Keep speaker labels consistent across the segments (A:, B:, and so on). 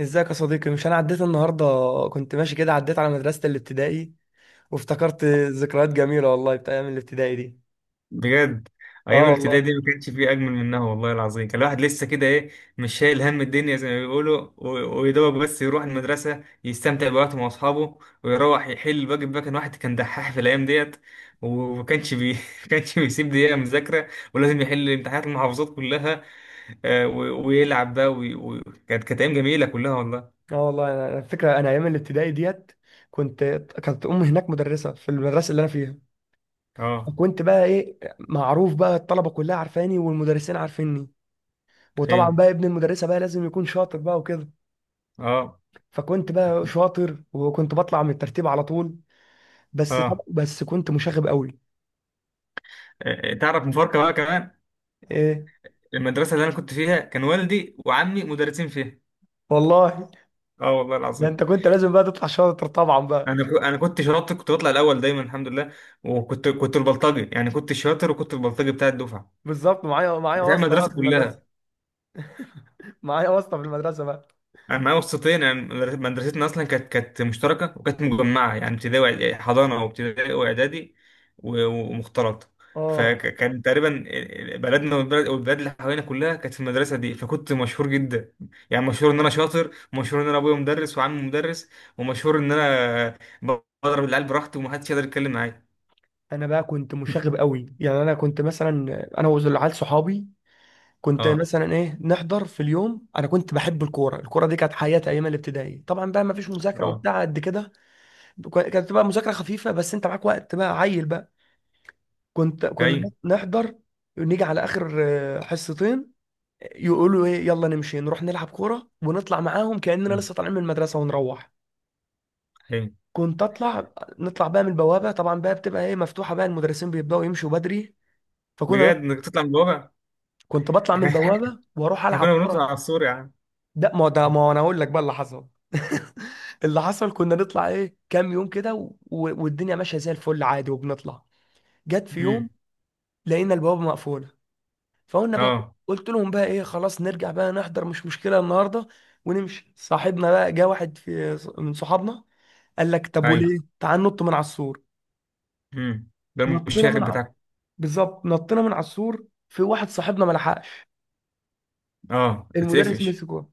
A: ازيك يا صديقي؟ مش انا عديت النهارده، كنت ماشي كده عديت على مدرسة الابتدائي وافتكرت. ذكريات جميلة والله بتاع ايام الابتدائي دي.
B: بجد. ايام
A: اه
B: الابتدائي
A: والله.
B: دي ما كانش فيه اجمل منها والله العظيم. كان الواحد لسه كده مش شايل هم الدنيا زي ما بيقولوا، ويدوب بس يروح المدرسه يستمتع بوقته مع اصحابه، ويروح يحل الواجب بقى. كان واحد كان دحاح في الايام ديت، وما كانش ما كانش بيسيب دقيقه مذاكره، ولازم يحل امتحانات المحافظات كلها. ويلعب بقى، كانت ايام جميله كلها والله.
A: اه والله انا الفكرة انا ايام الابتدائي ديت كنت. كانت امي هناك مدرسة في المدرسة اللي انا فيها.
B: اه.
A: وكنت بقى ايه معروف بقى، الطلبة كلها عارفاني والمدرسين عارفيني. وطبعا
B: حلو.
A: بقى ابن المدرسة بقى لازم يكون شاطر بقى وكده.
B: اه.
A: فكنت بقى شاطر وكنت بطلع من الترتيب على طول. بس طب
B: اه.
A: بس كنت مشاغب قوي.
B: تعرف مفارقه بقى كمان.
A: ايه
B: المدرسه اللي انا كنت فيها كان والدي وعمي مدرسين فيها.
A: والله،
B: اه والله
A: ده
B: العظيم.
A: انت كنت لازم بقى تطلع شاطر طبعا بقى.
B: انا كنت شاطر، كنت بطلع الاول دايما الحمد لله. وكنت البلطجي، يعني كنت الشاطر وكنت البلطجي بتاع الدفعه،
A: بالظبط، معايا
B: بتاع
A: واسطه بقى
B: المدرسه
A: في المدرسه،
B: كلها.
A: معايا واسطه في المدرسه بقى.
B: انا معايا وسطين، يعني مدرستنا اصلا كانت مشتركه، وكانت مجمعه، يعني ابتدائي حضانه وابتدائي واعدادي ومختلطه.
A: اه
B: فكان تقريبا بلدنا والبلد والبلاد اللي حوالينا كلها كانت في المدرسه دي، فكنت مشهور جدا. يعني مشهور ان انا شاطر، ومشهور ان انا ابويا مدرس وعمي مدرس، ومشهور ان انا بضرب العيال براحتي ومحدش يقدر يتكلم معايا.
A: انا بقى كنت مشاغب قوي، يعني انا كنت مثلا، انا والعيال صحابي، كنت
B: اه.
A: مثلا ايه نحضر في اليوم. انا كنت بحب الكوره، الكوره دي كانت حياتي ايام الابتدائي، طبعا بقى ما فيش مذاكره
B: اه.
A: وبتاع قد كده. كانت بقى مذاكره خفيفه بس انت معاك وقت بقى عيل بقى. كنت
B: ايوه.
A: كنا نحضر، نيجي على اخر حصتين، يقولوا ايه يلا نمشي نروح نلعب كوره ونطلع معاهم كاننا
B: مم.
A: لسه طالعين من المدرسه ونروح.
B: ايوه.
A: كنت اطلع، نطلع بقى من البوابه طبعا بقى، بتبقى ايه مفتوحه بقى، المدرسين بيبداوا يمشوا بدري. فكنا،
B: بجد انك تطلع من الواقع.
A: كنت بطلع من
B: احنا احنا
A: البوابه واروح
B: كنا
A: العب
B: بنطلع
A: كره.
B: على السور يا عم.
A: ده ما هو انا اقول لك بقى اللي حصل. اللي حصل كنا نطلع ايه كام يوم كده و... والدنيا ماشيه زي الفل عادي وبنطلع. جت في
B: امم.
A: يوم لقينا البوابه مقفوله، فقلنا بقى،
B: اه.
A: قلت لهم بقى ايه خلاص نرجع بقى نحضر مش مشكله النهارده ونمشي. صاحبنا بقى جه واحد في من صحابنا قال لك طب
B: ايوه.
A: وليه، تعال نط من على السور.
B: امم. ده
A: نطينا من
B: المشاغب
A: على،
B: بتاعك.
A: بالظبط نطينا من على السور، في واحد صاحبنا ما لحقش.
B: اه،
A: المدرس
B: اتقفش.
A: مسكه،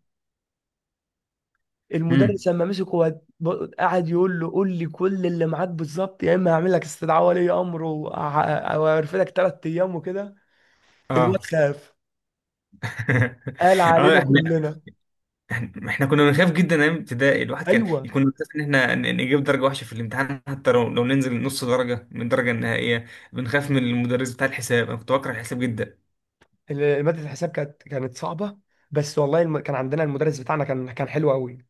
B: امم.
A: المدرس لما مسكه هو، قعد يقول له قول لي كل اللي معاك بالظبط، يا اما هعمل لك استدعاء ولي امر وهرفدك ثلاث ايام وكده. الواد
B: اه.
A: خاف قال
B: اه.
A: علينا
B: احنا.
A: كلنا.
B: إحنا كنا بنخاف جدا ايام ابتدائي. الواحد كان
A: ايوه،
B: يكون بيخاف ان احنا نجيب درجه وحشه في الامتحان، حتى لو ننزل نص درجه من الدرجه النهائيه. بنخاف من المدرس بتاع الحساب، انا كنت بكره الحساب جدا.
A: ماده الحساب كانت صعبه، بس والله الم... كان عندنا المدرس بتاعنا كان حلو قوي،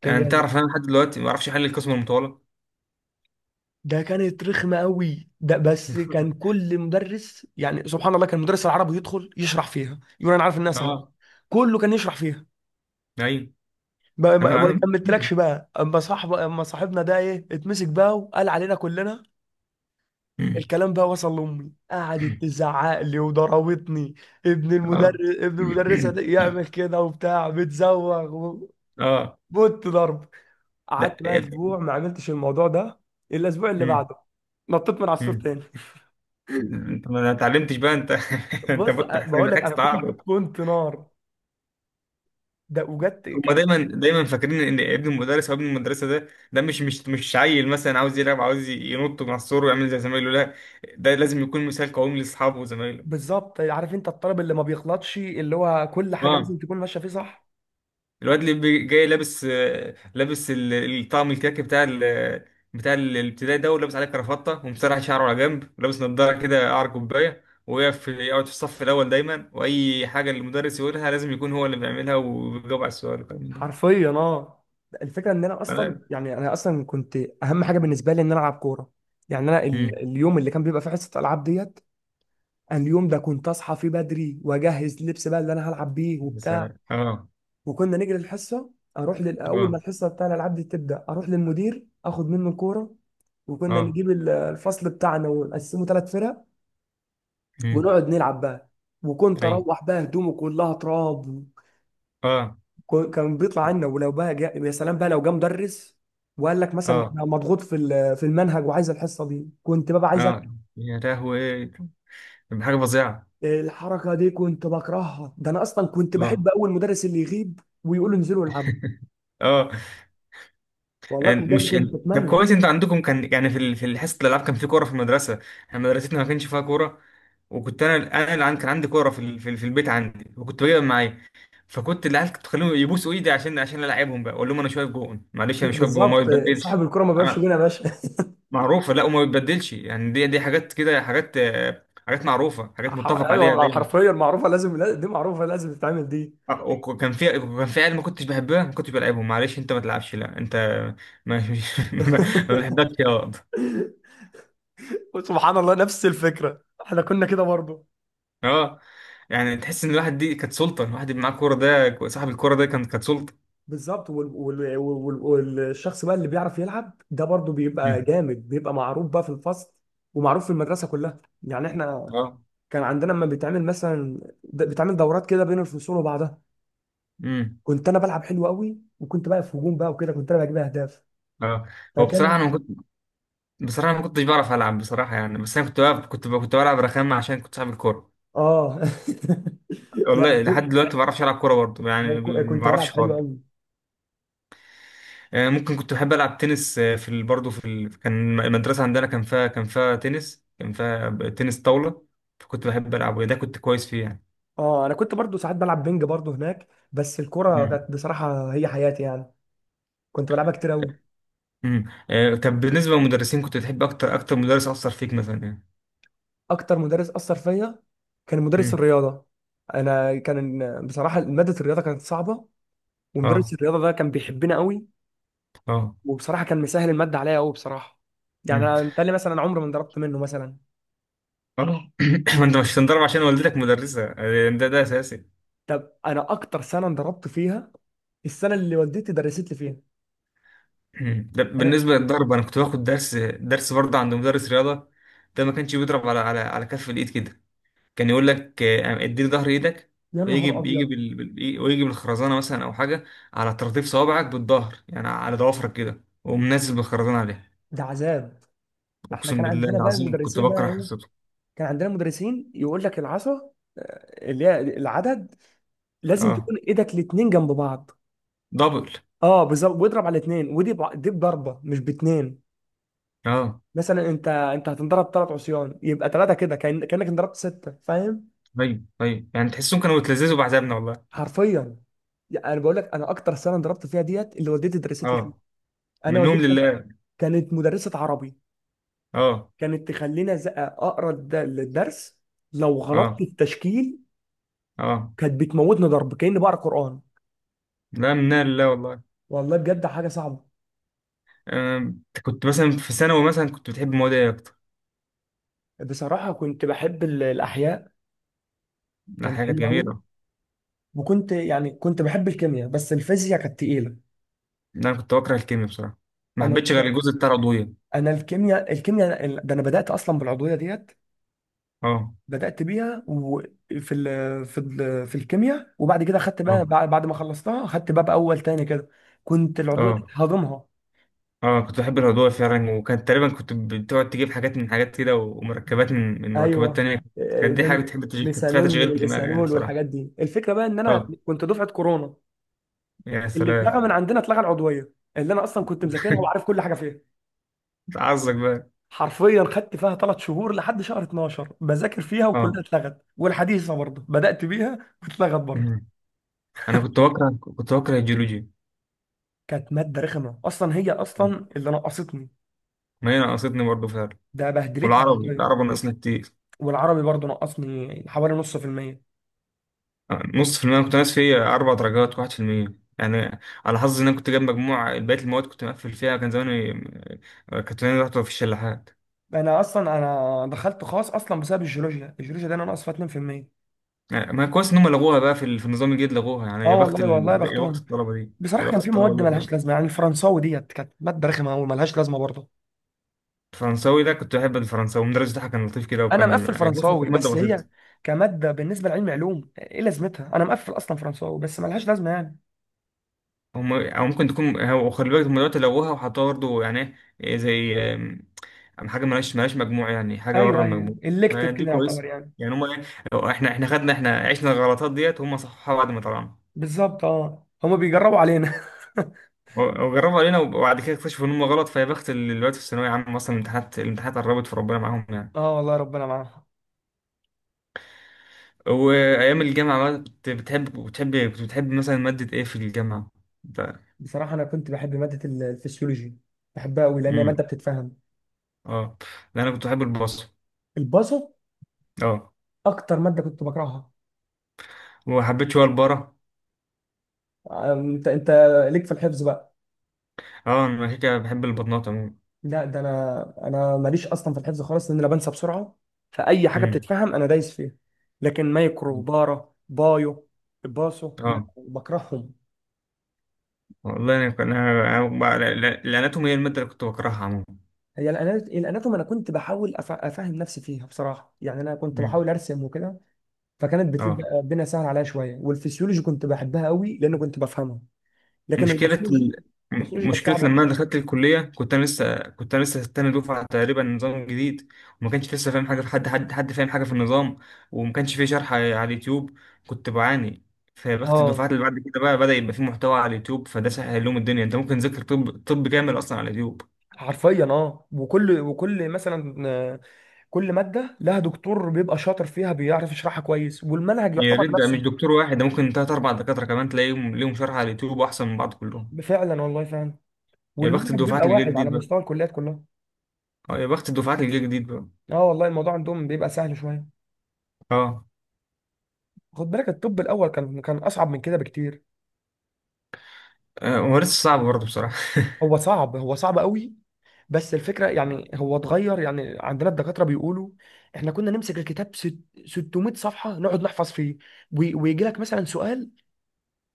A: كان
B: انت
A: جامد.
B: تعرف انا لحد دلوقتي ما بعرفش احل القسمه المطوله.
A: ده كانت رخمة قوي ده، بس كان كل مدرس يعني سبحان الله، كان مدرس العربي يدخل يشرح فيها يقول انا عارف انها صعبة.
B: اه.
A: كله كان يشرح فيها.
B: ايوه.
A: ما ما-
B: انا
A: ما
B: انا
A: كملتلكش بقى، اما صاحبنا ده ايه اتمسك بقى وقال علينا كلنا. الكلام بقى وصل لامي قعدت تزعق لي وضربتني. ابن
B: اه.
A: المدرس، ابن المدرسه ده يعمل كده وبتاع بتزوغ
B: اه.
A: بوت ضرب. قعدت
B: لا.
A: بقى اسبوع ما عملتش الموضوع ده، الا الاسبوع اللي
B: مم.
A: بعده نطيت من عصفور
B: مم.
A: تاني.
B: انت ما اتعلمتش بقى انت. انت
A: بص
B: مت حسين
A: بقول لك
B: محتاج
A: انا كنت
B: تتعاقب.
A: كنت نار. ده وجدت
B: هما دايما دايما فاكرين ان ابن المدرس او ابن المدرسه، ده مش مش مش عيل مثلا عاوز يلعب، عاوز ينط من على السور ويعمل زي زمايله. لا، ده لازم يكون مثال قومي لاصحابه وزمايله.
A: بالظبط، عارف انت الطالب اللي ما بيغلطش، اللي هو كل حاجه
B: اه.
A: لازم تكون ماشيه فيه صح.
B: الواد اللي جاي لابس، لابس الطقم الكاكي الابتدائي ده، ولابس عليه كرافطه، ومسرح شعره على جنب، ولابس نضاره كده قعر كوبايه، ويقف يقعد في الصف الاول دايما، واي حاجه المدرس يقولها لازم يكون هو اللي بيعملها، وبيجاوب على السؤال والكلام من ده.
A: حرفيا اه. الفكره ان انا اصلا
B: سلام.
A: يعني انا اصلا كنت اهم حاجه بالنسبه لي ان انا العب كوره. يعني انا
B: امم.
A: اليوم اللي كان بيبقى فيه حصه العاب ديت، أنا اليوم ده كنت اصحى فيه بدري واجهز لبس بقى اللي انا هلعب بيه وبتاع.
B: سلام. اه.
A: وكنا نجري الحصه، اروح اول ما
B: اه.
A: الحصه بتاع الالعاب دي تبدا اروح للمدير اخد منه الكوره. وكنا
B: اه.
A: نجيب الفصل بتاعنا ونقسمه ثلاث فرق
B: امم.
A: ونقعد نلعب بقى. وكنت
B: اي.
A: اروح بقى هدومه كلها تراب.
B: اه.
A: كان بيطلع عنا، ولو بقى جا... يا سلام بقى لو جه مدرس وقال لك مثلا
B: اه.
A: انا مضغوط في في المنهج وعايز الحصه دي، كنت بقى عايز
B: اه. يا لهوي، حاجه فظيعه.
A: الحركه دي كنت بكرهها. ده انا اصلا كنت بحب
B: اه.
A: اول مدرس اللي يغيب ويقول له انزلوا العبوا.
B: اه.
A: والله كنت
B: يعني
A: بجد
B: مش
A: كنت
B: طب
A: بتمنى.
B: كويس انتوا عندكم كان، يعني في حصه الالعاب كان في كوره في المدرسه. احنا مدرستنا ما كانش فيها كوره. وكنت انا، اللي كان عندي كوره في البيت عندي، وكنت بجيبها معايا. فكنت العيال كنت بخليهم يبوسوا ايدي عشان العبهم بقى. اقول لهم انا شايف جون، معلش انا شايف جون، ما
A: بالظبط، صاحب
B: بتبدلش.
A: الكرة ما بيبقاش
B: انا
A: جون يا باشا.
B: معروفه، لا، وما بتبدلش. يعني دي حاجات كده، حاجات حاجات معروفه، حاجات
A: ح-
B: متفق عليها
A: ايوه
B: دايما.
A: حرفيا معروفه لازم دي معروفه لازم تتعمل دي.
B: وكان في، كان في عيال ما كنتش بحبها ما كنتش بلعبهم. معلش انت ما تلعبش، لا انت ما ما ما بحبكش يا.
A: سبحان الله نفس الفكره، احنا كنا كده برضه.
B: اه، يعني تحس ان الواحد دي كانت سلطه، الواحد اللي معاه كوره ده، صاحب الكوره ده كانت سلطه.
A: بالظبط، والشخص بقى اللي بيعرف يلعب ده برضه بيبقى
B: مم.
A: جامد، بيبقى معروف بقى في الفصل ومعروف في المدرسه كلها. يعني احنا
B: اه.
A: كان عندنا لما بيتعمل مثلا بيتعمل دورات كده بين الفصول وبعضها،
B: امم.
A: كنت انا بلعب حلو قوي، وكنت بقى في هجوم بقى وكده كنت انا بجيب اهداف.
B: اه. هو بصراحه انا
A: فكان
B: ما كنت، بصراحه أنا ما كنتش بعرف العب، بصراحه يعني. بس انا كنت بلعب رخامه عشان كنت صاحب الكوره.
A: اه. لا
B: والله لحد
A: كنت،
B: دلوقتي ما بعرفش العب كوره برضه، يعني ما
A: كنت بلعب
B: بعرفش
A: حلو
B: خالص.
A: قوي.
B: ممكن كنت بحب العب تنس. آه، في ال... برضه في ال... كان المدرسه عندنا كان فيها تنس، كان فيها تنس طاوله. فكنت بحب العبه ده، كنت كويس فيه
A: اه انا كنت برضه ساعات بلعب بينج برضه هناك، بس الكره
B: يعني.
A: كانت بصراحه هي حياتي يعني، كنت بلعبها كتير قوي.
B: امم. آه، طب بالنسبة للمدرسين، كنت بتحب أكتر مدرس أثر فيك مثلا يعني.
A: اكتر مدرس اثر فيا كان مدرس
B: امم.
A: الرياضه. انا كان، بصراحه ماده الرياضه كانت صعبه، ومدرس
B: اه.
A: الرياضه ده كان بيحبنا قوي،
B: اه.
A: وبصراحه كان مسهل الماده عليا قوي بصراحه. يعني
B: امم.
A: انا متهيألي مثلا عمري ما انضربت منه مثلا.
B: اه. ما أنت مش هتنضرب عشان والدتك مدرسة، ده أساسي.
A: طب انا اكتر سنه انضربت فيها السنه اللي والدتي درست لي فيها.
B: أمم. ده
A: انا
B: بالنسبة للضرب، أنا كنت باخد درس، برضه عند مدرس رياضة. ده ما كانش بيضرب على كف الإيد كده. كان يقول لك، اديني ظهر إيدك.
A: يا
B: ويجي
A: نهار ابيض،
B: ويجي بالخرزانة مثلا أو حاجة على طراطيف صوابعك بالظهر، يعني على ضوافرك كده، ومنزل بالخرزانة عليها.
A: ده عذاب. احنا
B: أقسم
A: كان
B: بالله
A: عندنا بقى
B: العظيم كنت
A: المدرسين بقى
B: بكره
A: ايه،
B: حصته.
A: كان عندنا مدرسين يقول لك العصا اللي هي العدد، لازم
B: اه.
A: تكون ايدك الاتنين جنب بعض.
B: دبل.
A: اه بالظبط، واضرب على اتنين، ودي دي بضربه مش باتنين.
B: اه.
A: مثلا انت هتنضرب ثلاث عصيان يبقى ثلاثه كده، كأن... كانك انضربت سته، فاهم؟
B: ايوه. ايوه، يعني تحسهم كانوا يتلذذوا بعذابنا والله.
A: حرفيا، يعني انا بقول لك انا اكتر سنه انضربت فيها ديت اللي والدتي درست لي فيها.
B: اه.
A: انا
B: منهم
A: والدتي
B: لله.
A: كانت مدرسه عربي،
B: اه.
A: كانت تخلينا اقرا الدرس، لو غلطت
B: اه.
A: في التشكيل
B: اه.
A: كانت بتموتني ضرب كاني بقرا قران.
B: لا، منا لله والله.
A: والله بجد حاجه صعبه.
B: كنت مثلا في ثانوي، مثلا كنت بتحب المواد ايه اكتر؟
A: بصراحه كنت بحب الاحياء،
B: لا،
A: كانت
B: حاجه كانت
A: حلوه قوي،
B: جميله.
A: وكنت يعني كنت بحب الكيمياء بس الفيزياء كانت تقيله.
B: لا، انا كنت بكره الكيمياء بصراحه، ما
A: انا
B: حبيتش غير
A: الك-
B: الجزء بتاع العضويه.
A: انا الكيمياء، الكيمياء ده انا بدات اصلا بالعضويه ديت،
B: اه.
A: بدأت بيها وفي ال في ال في الكيمياء، وبعد كده خدت بقى
B: اه.
A: بعد ما خلصتها خدت باب أول تاني كده. كنت العضوية دي
B: اه.
A: هضمها.
B: اه، كنت بحب العضويه فعلا، وكانت تقريبا كنت بتقعد تجيب حاجات من حاجات كده، ومركبات من مركبات
A: ايوه
B: تانية.
A: آه،
B: كانت دي حاجه
A: من
B: بتحب تشغيل، كانت فيها
A: ميثانول من
B: تشغيل دماغ يعني
A: الايثانول
B: بصراحه.
A: والحاجات دي. الفكرة بقى إن أنا
B: اه.
A: كنت دفعة كورونا،
B: يا
A: اللي اتلغى من
B: سلام.
A: عندنا اتلغى العضوية اللي أنا أصلا كنت مذاكرها وعارف كل حاجة فيها.
B: تعزك بقى.
A: حرفيا خدت فيها ثلاث شهور لحد شهر 12 بذاكر فيها
B: اه.
A: وكلها اتلغت، والحديثة برضه بدأت بيها واتلغت برضه.
B: مم. انا كنت بكره الجيولوجي.
A: كانت مادة رخمة أصلا هي
B: مم.
A: أصلا اللي نقصتني،
B: ما هي نقصتني برضه فعلا.
A: ده بهدلتني
B: والعربي،
A: حرفيا.
B: ناقصني كتير.
A: والعربي برضو نقصني حوالي 50%.
B: نص في المية كنت ناقص فيه، أربع درجات، 1% يعني. على حظي إن أنا كنت جايب مجموع بقية المواد كنت مقفل فيها. كان زماني كنت زماني رحت في الشلاحات.
A: انا اصلا انا دخلت خاص اصلا بسبب الجيولوجيا، الجيولوجيا ده انا ناقص فيها 2%.
B: يعني ما كويس إن هم لغوها بقى، في النظام الجديد لغوها يعني.
A: اه
B: يا بخت
A: والله والله يا
B: يا بخت
A: بختهم.
B: الطلبة دي. يا
A: بصراحة كان
B: بخت
A: في
B: الطلبة دي
A: مواد
B: والله.
A: ملهاش لازمة، يعني الفرنساوي ديت كانت مادة رخمة أوي ملهاش لازمة برضه.
B: الفرنساوي ده، كنت بحب الفرنساوي، المدرس بتاعها كان لطيف كده،
A: انا
B: وكان
A: مقفل
B: يعني
A: فرنساوي
B: كانت مادة
A: بس هي
B: بسيطة.
A: كمادة بالنسبة لعلم علوم ايه لازمتها، انا مقفل اصلا فرنساوي بس ملهاش لازمة يعني.
B: هم، او ممكن تكون، هو خلي بالك هم دلوقتي لغوها وحطوها برضه، يعني زي حاجه مالهاش مجموع، يعني حاجه بره
A: ايوه ايوه
B: المجموع. ما
A: الكتف
B: دي
A: كده يعتبر
B: كويسه.
A: يعني.
B: يعني هم احنا عشنا الغلطات ديت، هم صححوها بعد ما طلعنا.
A: بالظبط اه، هما بيجربوا علينا.
B: وجربوا علينا، وبعد كده اكتشفوا ان هم غلط. فيا بخت اللي دلوقتي في الثانويه عامه مثلا، الامتحانات، قربت، في ربنا معاهم يعني.
A: اه والله ربنا معاهم.
B: وايام الجامعه بقى، كنت بتحب، بتحب كنت بتحب مثلا ماده ايه في الجامعه؟ انت.
A: بصراحة أنا كنت بحب مادة الفسيولوجي، بحبها أوي لأن هي مادة
B: امم.
A: بتتفهم.
B: اه. لا، انا كنت بحب البصر.
A: الباصو
B: اه.
A: أكتر مادة كنت بكرهها.
B: وحبيت شويه البره.
A: أنت ليك في الحفظ بقى.
B: اه، انا كده كده بحب البطنات عموما.
A: لا ده أنا ماليش أصلا في الحفظ خالص، لأن أنا بنسى بسرعة، فأي حاجة
B: امم.
A: بتتفهم أنا دايس فيها. لكن مايكرو بارا بايو باصو
B: اه
A: بكرههم.
B: والله انا كان- انا أنا بقى- لا- لا- الاناتومي هي الماده اللي كنت بكرهها عموما.
A: هي الأناتوم، أنا كنت بحاول أفهم نفسي فيها بصراحة، يعني أنا كنت
B: امم.
A: بحاول أرسم وكده، فكانت
B: اه.
A: بتبقى الدنيا سهلة عليا شوية. والفسيولوجي كنت بحبها أوي لأن كنت بفهمها، لكن
B: مشكله
A: الباثولوجي، الباثولوجي كانت
B: مشكله
A: صعبه.
B: لما انا دخلت الكليه، كنت انا لسه تاني دفعه تقريبا، نظام جديد. وما كانش لسه فاهم حاجه، في حد فاهم حاجه في النظام. وما كانش فيه شرح على اليوتيوب، كنت بعاني. فبخت
A: اه
B: الدفعات اللي بعد كده بقى بدأ يبقى فيه محتوى على اليوتيوب، فده سهل لهم الدنيا. انت ممكن تذاكر طب، كامل اصلا على اليوتيوب.
A: حرفيا اه، وكل مثلا كل ماده لها دكتور بيبقى شاطر فيها بيعرف يشرحها كويس، والمنهج
B: يا
A: يعتبر
B: ريت، ده مش
A: نفسه.
B: دكتور واحد، ده ممكن تلات أربع دكاترة كمان تلاقيهم ليهم شرح على اليوتيوب، أحسن من بعض كلهم.
A: فعلا والله فعلا،
B: يا بخت
A: والمنهج
B: الدفعات
A: بيبقى
B: اللي جه
A: واحد على
B: جديد بقى.
A: مستوى الكليات كلها.
B: اه، يا بخت الدفعات اللي جه جديد بقى.
A: اه والله الموضوع عندهم بيبقى سهل شويه.
B: اه.
A: خد بالك الطب الاول كان اصعب من كده بكتير.
B: هو لسه صعب برضه بصراحة.
A: هو صعب، هو صعب قوي، بس الفكره يعني هو اتغير، يعني عندنا الدكاتره بيقولوا احنا كنا نمسك الكتاب 600 صفحه نقعد نحفظ فيه، ويجي لك مثلا سؤال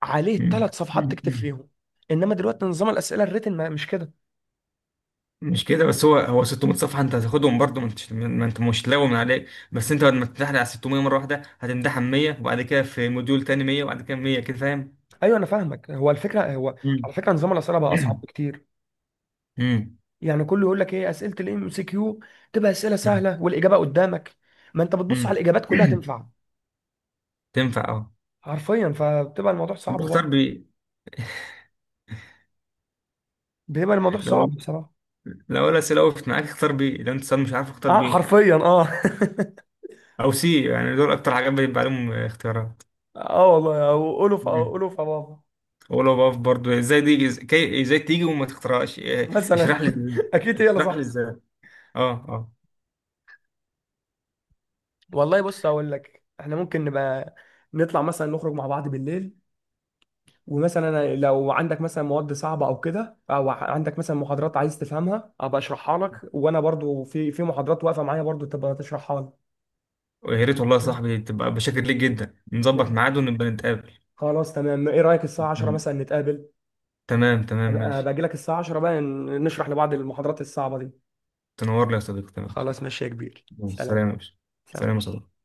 A: عليه
B: مم.
A: ثلاث صفحات تكتب
B: مم.
A: فيهم. انما دلوقتي نظام الاسئله الريتن مش كده.
B: مش كده، بس هو 600 صفحة أنت هتاخدهم برضه، ما أنت مش لاوي من عليك. بس أنت بعد ما تمتحن على 600 مرة واحدة، هتمتحن 100، وبعد كده في موديول تاني 100، وبعد كده 100 كده، فاهم؟
A: ايوه انا فاهمك، هو الفكره هو، على
B: مم.
A: فكره نظام الاسئله بقى اصعب بكتير.
B: مم.
A: يعني كله يقول لك ايه اسئله الام سي كيو تبقى اسئله
B: مم.
A: سهله والاجابه قدامك، ما انت بتبص على
B: مم.
A: الاجابات كلها تنفع.
B: تنفع اه.
A: حرفيا فبتبقى الموضوع صعب برضه،
B: بختار بيه.
A: بيبقى الموضوع صعب بصراحه.
B: لو الأسئلة وقفت معاك، اختار بي. لو أنت صاد مش عارف، اختار
A: اه
B: بي
A: حرفيا اه.
B: أو سي، يعني دول أكتر حاجات بيبقى عليهم اختيارات.
A: اه والله، او قولوا في أو
B: مم.
A: قولوا في بابا
B: ولو بقف برضه، إزاي دي إزاي تيجي وما تختارهاش؟ اشرح
A: مثلا.
B: لي إزاي.
A: اكيد هي اللي
B: اشرح لي
A: صح.
B: إزاي. أه. أه.
A: والله بص هقول لك، احنا ممكن نبقى نطلع مثلا نخرج مع بعض بالليل، ومثلا أنا لو عندك مثلا مواد صعبه او كده، او عندك مثلا محاضرات عايز تفهمها ابقى اشرحها لك، وانا برضو في محاضرات واقفه معايا برضو تبقى تشرحها لي.
B: ويا ريت والله يا صاحبي، تبقى بشكر ليك جدا، نظبط
A: تمام.
B: ميعاد ونبقى نتقابل.
A: خلاص تمام، ايه رايك الساعه 10
B: تمام.
A: مثلا نتقابل؟
B: تمام. تمام،
A: ابقى
B: ماشي.
A: باجي لك الساعه 10 بقى نشرح لبعض المحاضرات الصعبه دي.
B: تنور لي يا صديقي، تمام.
A: خلاص ماشي يا كبير، سلام.
B: سلام يا باشا. سلام
A: سلام.
B: يا صديقي.